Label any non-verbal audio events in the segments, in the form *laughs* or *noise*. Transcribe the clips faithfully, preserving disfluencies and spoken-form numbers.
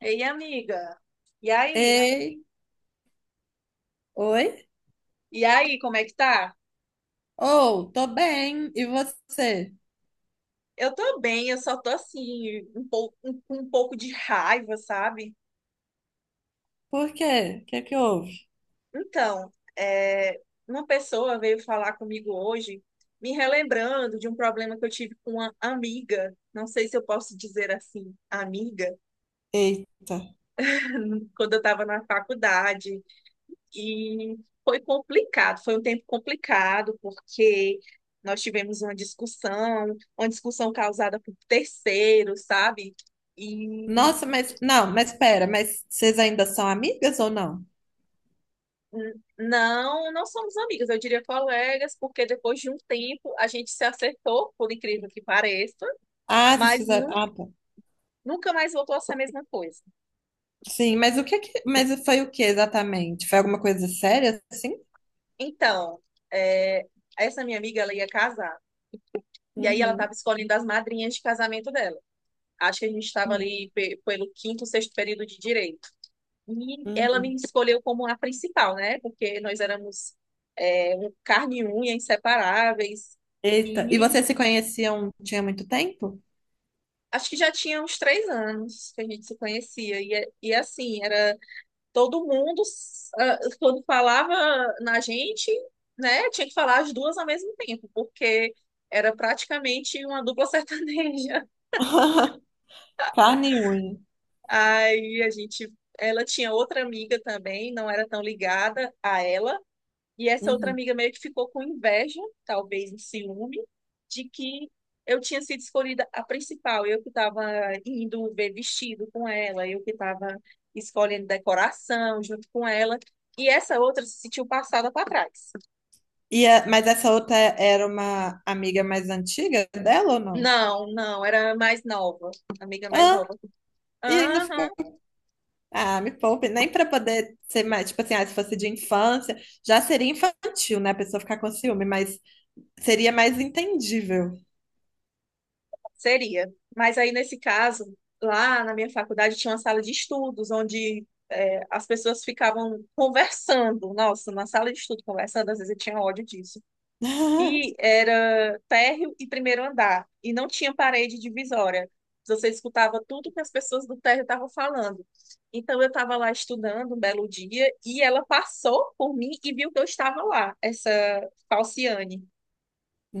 Ei, amiga. E aí? Ei, oi? E aí, como é que tá? Ou, tô bem, e você? Eu tô bem, eu só tô assim, um pouco, um, um pouco de raiva, sabe? Por quê? O que é que houve? Então, é, uma pessoa veio falar comigo hoje, me relembrando de um problema que eu tive com uma amiga. Não sei se eu posso dizer assim, amiga, Eita. quando eu estava na faculdade. E foi complicado, foi um tempo complicado, porque nós tivemos uma discussão, uma discussão causada por terceiros, sabe? E Nossa, mas, não, mas pera, mas vocês ainda são amigas ou não? n- não, não somos amigas, eu diria colegas, porque depois de um tempo a gente se acertou, por incrível que pareça, Ah, vocês mas fizeram, nunca, ah, tá. nunca mais voltou a ser a mesma coisa. Sim, mas o que é que, mas foi o que exatamente? Foi alguma coisa séria, assim? Então, é, essa minha amiga, ela ia casar, e aí ela Uhum, estava escolhendo as madrinhas de casamento dela. Acho que a gente estava uhum, ali pe- pelo quinto, sexto período de direito. E ela me uhum. escolheu como a principal, né? Porque nós éramos é, um carne e unha, inseparáveis. Eita, e E vocês se conheciam, tinha muito tempo? acho que já tinha uns três anos que a gente se conhecia. E, é- e assim, era todo mundo, ah, quando falava na gente, né? Tinha que falar as duas ao mesmo tempo, porque era praticamente uma dupla sertaneja. *laughs* Carne e unha. *laughs* Aí a gente. Ela tinha outra amiga também, não era tão ligada a ela. E essa outra Uhum. amiga meio que ficou com inveja, talvez um ciúme, de que eu tinha sido escolhida a principal, eu que estava indo ver vestido com ela, eu que estava escolhendo decoração junto com ela. E essa outra se sentiu passada para trás. E a- mas essa outra era uma amiga mais antiga dela ou não? Não, não, era a mais nova, a amiga mais Ah, nova. e ainda Aham. ficou. Ah, me poupe, nem para poder ser mais, tipo assim, ah, se fosse de infância, já seria infantil, né, a pessoa ficar com ciúme, mas seria mais entendível. Seria. Mas aí, nesse caso, lá na minha faculdade tinha uma sala de estudos, onde é, as pessoas ficavam conversando. Nossa, na sala de estudo conversando, às vezes eu tinha ódio disso. E *laughs* era térreo e primeiro andar. E não tinha parede divisória. Você escutava tudo que as pessoas do térreo estavam falando. Então, eu estava lá estudando um belo dia e ela passou por mim e viu que eu estava lá, essa Falciane,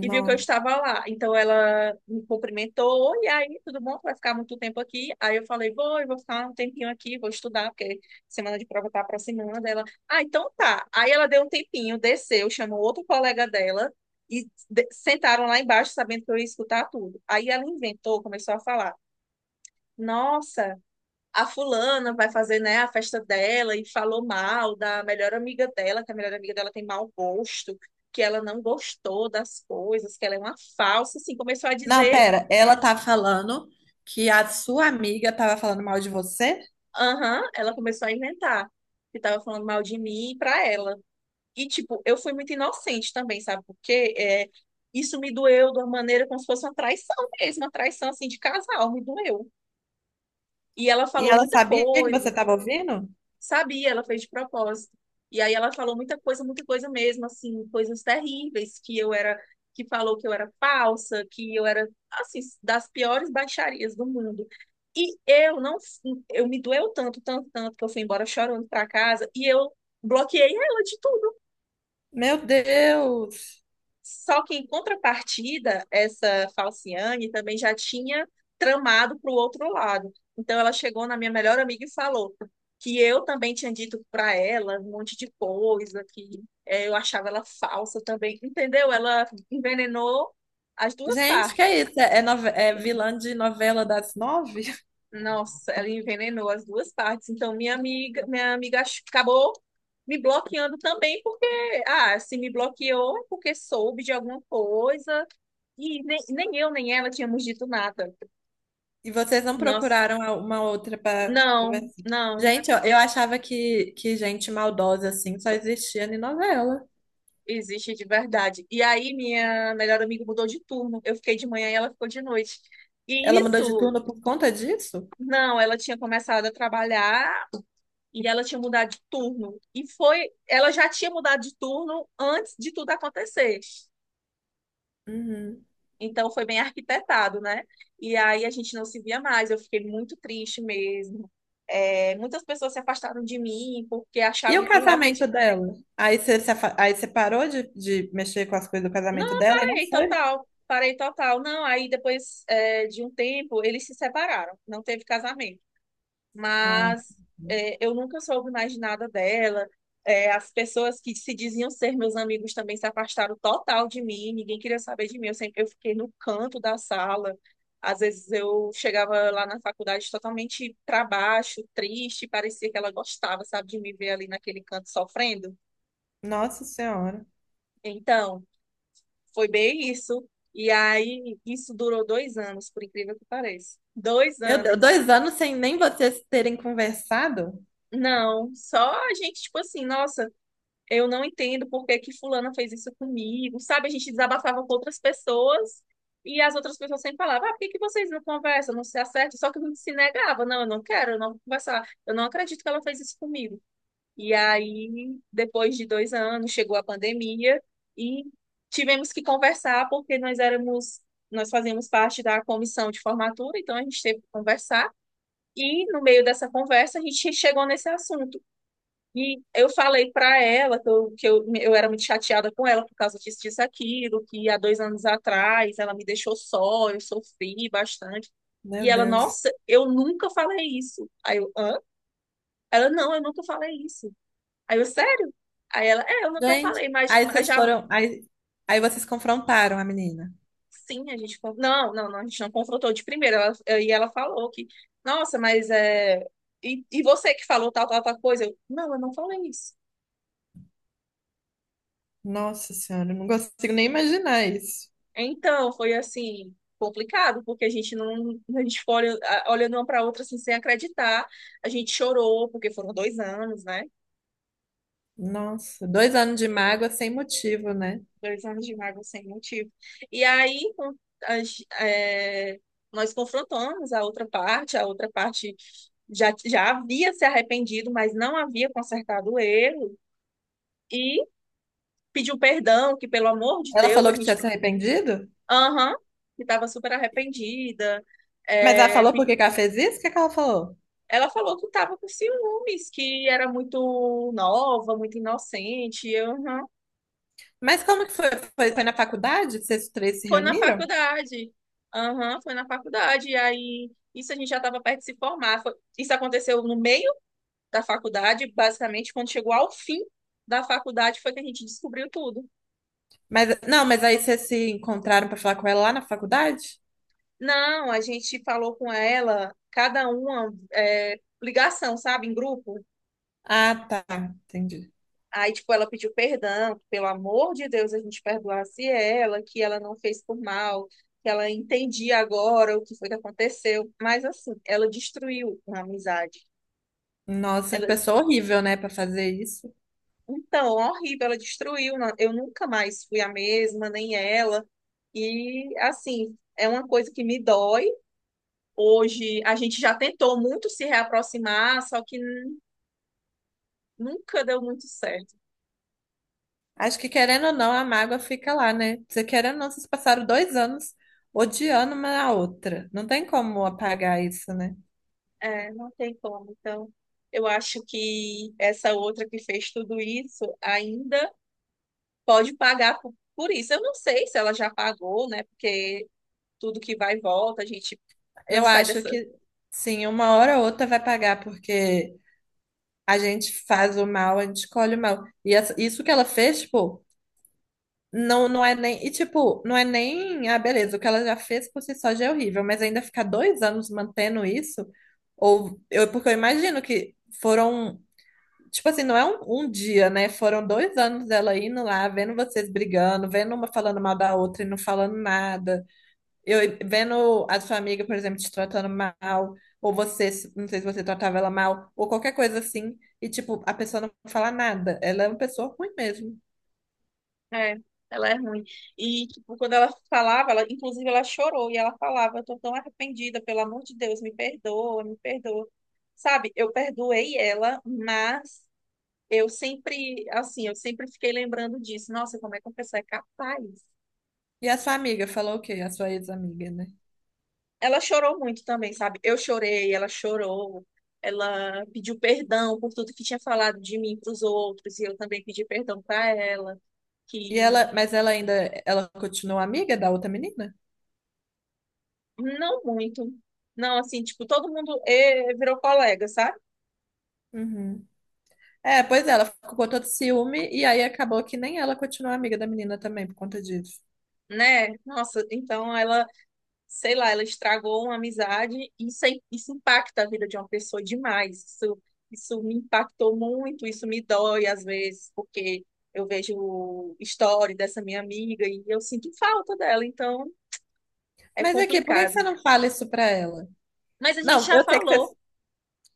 e viu que eu estava lá. Então ela me cumprimentou. E aí, tudo bom? Tu vai ficar muito tempo aqui? Aí eu falei, vou, eu vou ficar um tempinho aqui, vou estudar, porque semana de prova tá aproximando. Ela, ah, então tá. Aí ela deu um tempinho, desceu, chamou outro colega dela e de- sentaram lá embaixo, sabendo que eu ia escutar tudo. Aí ela inventou, começou a falar. Nossa, a fulana vai fazer, né, a festa dela, e falou mal da melhor amiga dela, que a melhor amiga dela tem mau gosto, que ela não gostou das coisas, que ela é uma falsa, assim, começou a Não, dizer, pera, ela tá falando que a sua amiga tava falando mal de você aham, ela começou a inventar que tava falando mal de mim pra ela. E, tipo, eu fui muito inocente também, sabe por quê? É, isso me doeu de uma maneira como se fosse uma traição mesmo, uma traição, assim, de casal, me doeu. E ela e falou ela muita sabia que coisa. você tava ouvindo? Sabia, ela fez de propósito. E aí ela falou muita coisa, muita coisa mesmo, assim, coisas terríveis, que eu era, que falou que eu era falsa, que eu era, assim, das piores baixarias do mundo. E eu não, eu me doeu tanto, tanto, tanto, que eu fui embora chorando para casa e eu bloqueei ela de tudo. Meu Deus! Só que, em contrapartida, essa Falciane também já tinha tramado para o outro lado. Então, ela chegou na minha melhor amiga e falou que eu também tinha dito para ela um monte de coisa, que eh, eu achava ela falsa também. Entendeu? Ela envenenou as duas Gente, que é partes. isso? É, é nove- é vilã de novela das nove? Nossa, ela envenenou as duas partes. Então, minha amiga, minha amiga ach- acabou me bloqueando também, porque, ah, se me bloqueou é porque soube de alguma coisa. E nem, nem eu, nem ela tínhamos dito nada. E vocês não Nossa, procuraram uma outra para não, conversar? não, Gente, ó, eu achava que, que gente maldosa assim só existia em novela. existe de verdade. E aí, minha melhor amiga mudou de turno. Eu fiquei de manhã e ela ficou de noite. E Ela mudou de isso, turno por conta disso? não, ela tinha começado a trabalhar e ela tinha mudado de turno. E foi, ela já tinha mudado de turno antes de tudo acontecer. Uhum. Então, foi bem arquitetado, né? E aí, a gente não se via mais. Eu fiquei muito triste mesmo. É, muitas pessoas se afastaram de mim porque E achavam o que casamento realmente. dela? Aí você, se afa- aí você parou de, de mexer com as coisas do casamento Não, dela e não parei foi? total, parei total. Não, aí depois é, de um tempo eles se separaram, não teve casamento. Ah, Mas é, eu nunca soube mais de nada dela. É, as pessoas que se diziam ser meus amigos também se afastaram total de mim, ninguém queria saber de mim. Eu sempre eu fiquei no canto da sala. Às vezes eu chegava lá na faculdade totalmente para baixo, triste, parecia que ela gostava, sabe, de me ver ali naquele canto sofrendo. nossa Senhora. Então. Foi bem isso. E aí, isso durou dois anos, por incrível que pareça. Dois Meu Deus, anos. dois anos sem nem vocês terem conversado? Não, só a gente, tipo assim, nossa, eu não entendo por que que fulana fez isso comigo, sabe? A gente desabafava com outras pessoas e as outras pessoas sempre falavam, ah, por que que vocês não conversam, não se acertam? Só que a gente se negava, não, eu não quero, eu não vou conversar, eu não acredito que ela fez isso comigo. E aí, depois de dois anos, chegou a pandemia e tivemos que conversar porque nós éramos, nós fazíamos parte da comissão de formatura, então a gente teve que conversar. E no meio dessa conversa a gente chegou nesse assunto. E eu falei para ela que, eu, que eu, eu era muito chateada com ela por causa disso, disso, aquilo, que há dois anos atrás ela me deixou só, eu sofri bastante. E Meu ela, Deus. nossa, eu nunca falei isso. Aí eu, hã? Ela, não, eu nunca falei isso. Aí eu, sério? Aí ela, é, eu nunca Gente, falei, mas, aí mas vocês já foram. Aí, aí vocês confrontaram a menina. sim, a gente. con- Não, não, não, a gente não confrontou de primeira. Ela- e ela falou que, nossa, mas é. E, e você que falou tal, tal, tal coisa? Eu, não, eu não falei isso. Nossa senhora, eu não consigo nem imaginar isso. Então, foi assim, complicado, porque a gente não. A gente ficou olha- a- olhando uma para outra assim, sem acreditar. A gente chorou, porque foram dois anos, né? Nossa, dois anos de mágoa sem motivo, né? Dois anos de mágoa sem motivo. E aí, com- as- é, nós confrontamos a outra parte, a outra parte já, já havia se arrependido, mas não havia consertado o erro, e pediu perdão, que pelo amor de Ela Deus, a falou que tinha gente, se arrependido? aham, que estava super arrependida. Mas ela É, falou por pe- que que ela fez isso? O que que ela falou? ela falou que estava com ciúmes, que era muito nova, muito inocente, e eu, aham. Mas como que foi? Foi, foi na faculdade? Que Vocês três se Foi na reuniram? faculdade. Aham, foi na faculdade. E aí, isso a gente já estava perto de se formar. Foi- isso aconteceu no meio da faculdade, basicamente, quando chegou ao fim da faculdade, foi que a gente descobriu tudo. Mas, não, mas aí vocês se encontraram pra falar com ela lá na faculdade? Não, a gente falou com ela, cada uma, é, ligação, sabe, em grupo. Ah, tá, entendi. Aí, tipo, ela pediu perdão, que, pelo amor de Deus, a gente perdoasse ela, que ela não fez por mal, que ela entendia agora o que foi que aconteceu. Mas, assim, ela destruiu a amizade. Nossa, que Ela. pessoa horrível, né, pra fazer isso. Então, horrível, ela destruiu. na- Eu nunca mais fui a mesma, nem ela. E, assim, é uma coisa que me dói. Hoje, a gente já tentou muito se reaproximar, só que n- nunca deu muito certo. Acho que querendo ou não, a mágoa fica lá, né? Você querendo ou não, vocês passaram dois anos odiando uma a outra. Não tem como apagar isso, né? É, não tem como. Então, eu acho que essa outra que fez tudo isso ainda pode pagar por, por isso. Eu não sei se ela já pagou, né? Porque tudo que vai e volta, a gente não Eu sai acho dessa. que sim, uma hora ou outra vai pagar, porque a gente faz o mal, a gente escolhe o mal. E essa- isso que ela fez, tipo. Não, não é nem. E tipo, não é nem. Ah, beleza, o que ela já fez por si só já é horrível, mas ainda ficar dois anos mantendo isso, ou eu, porque eu imagino que foram. Tipo assim, não é um, um dia, né? Foram dois anos dela indo lá, vendo vocês brigando, vendo uma falando mal da outra e não falando nada. Eu vendo a sua amiga, por exemplo, te tratando mal, ou você, não sei se você tratava ela mal, ou qualquer coisa assim, e tipo, a pessoa não fala nada. Ela é uma pessoa ruim mesmo. É, ela é ruim. E, tipo, quando ela falava, ela, inclusive ela chorou e ela falava, eu tô tão arrependida, pelo amor de Deus, me perdoa, me perdoa. Sabe, eu perdoei ela, mas eu sempre, assim, eu sempre fiquei lembrando disso. Nossa, como é que uma pessoa é capaz? E a sua amiga falou o quê? A sua ex-amiga, né? Ela chorou muito também, sabe? Eu chorei, ela chorou. Ela pediu perdão por tudo que tinha falado de mim para os outros, e eu também pedi perdão para ela. E Que. ela, mas ela ainda, ela continua amiga da outra menina? Não muito. Não, assim, tipo, todo mundo eh, virou colega, sabe? Uhum. É, pois é, ela ficou com todo ciúme e aí acabou que nem ela continua amiga da menina também por conta disso. Né? Nossa, então ela, sei lá, ela estragou uma amizade e isso, aí- isso impacta a vida de uma pessoa demais. Isso, isso me impactou muito, isso me dói às vezes, porque eu vejo história dessa minha amiga e eu sinto falta dela, então é Mas aqui, por que que você complicado. não fala isso pra ela? Mas a gente Não, já eu sei que você falou,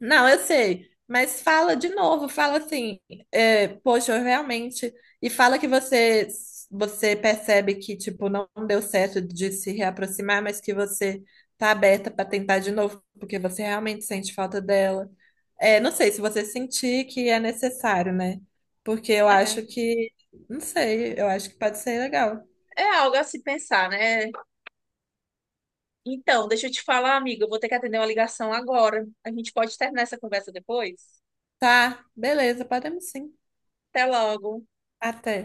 Não, eu sei, mas fala de novo, fala assim, é, poxa, eu realmente, e fala que você você percebe que tipo não deu certo de se reaproximar, mas que você tá aberta para tentar de novo, porque você realmente sente falta dela. É, não sei se você sentir que é necessário, né? Porque eu acho é, que, não sei, eu acho que pode ser legal. é algo a se pensar, né? Então, deixa eu te falar, amiga, eu vou ter que atender uma ligação agora. A gente pode terminar essa conversa depois? Tá, beleza, podemos sim. Até logo. Até.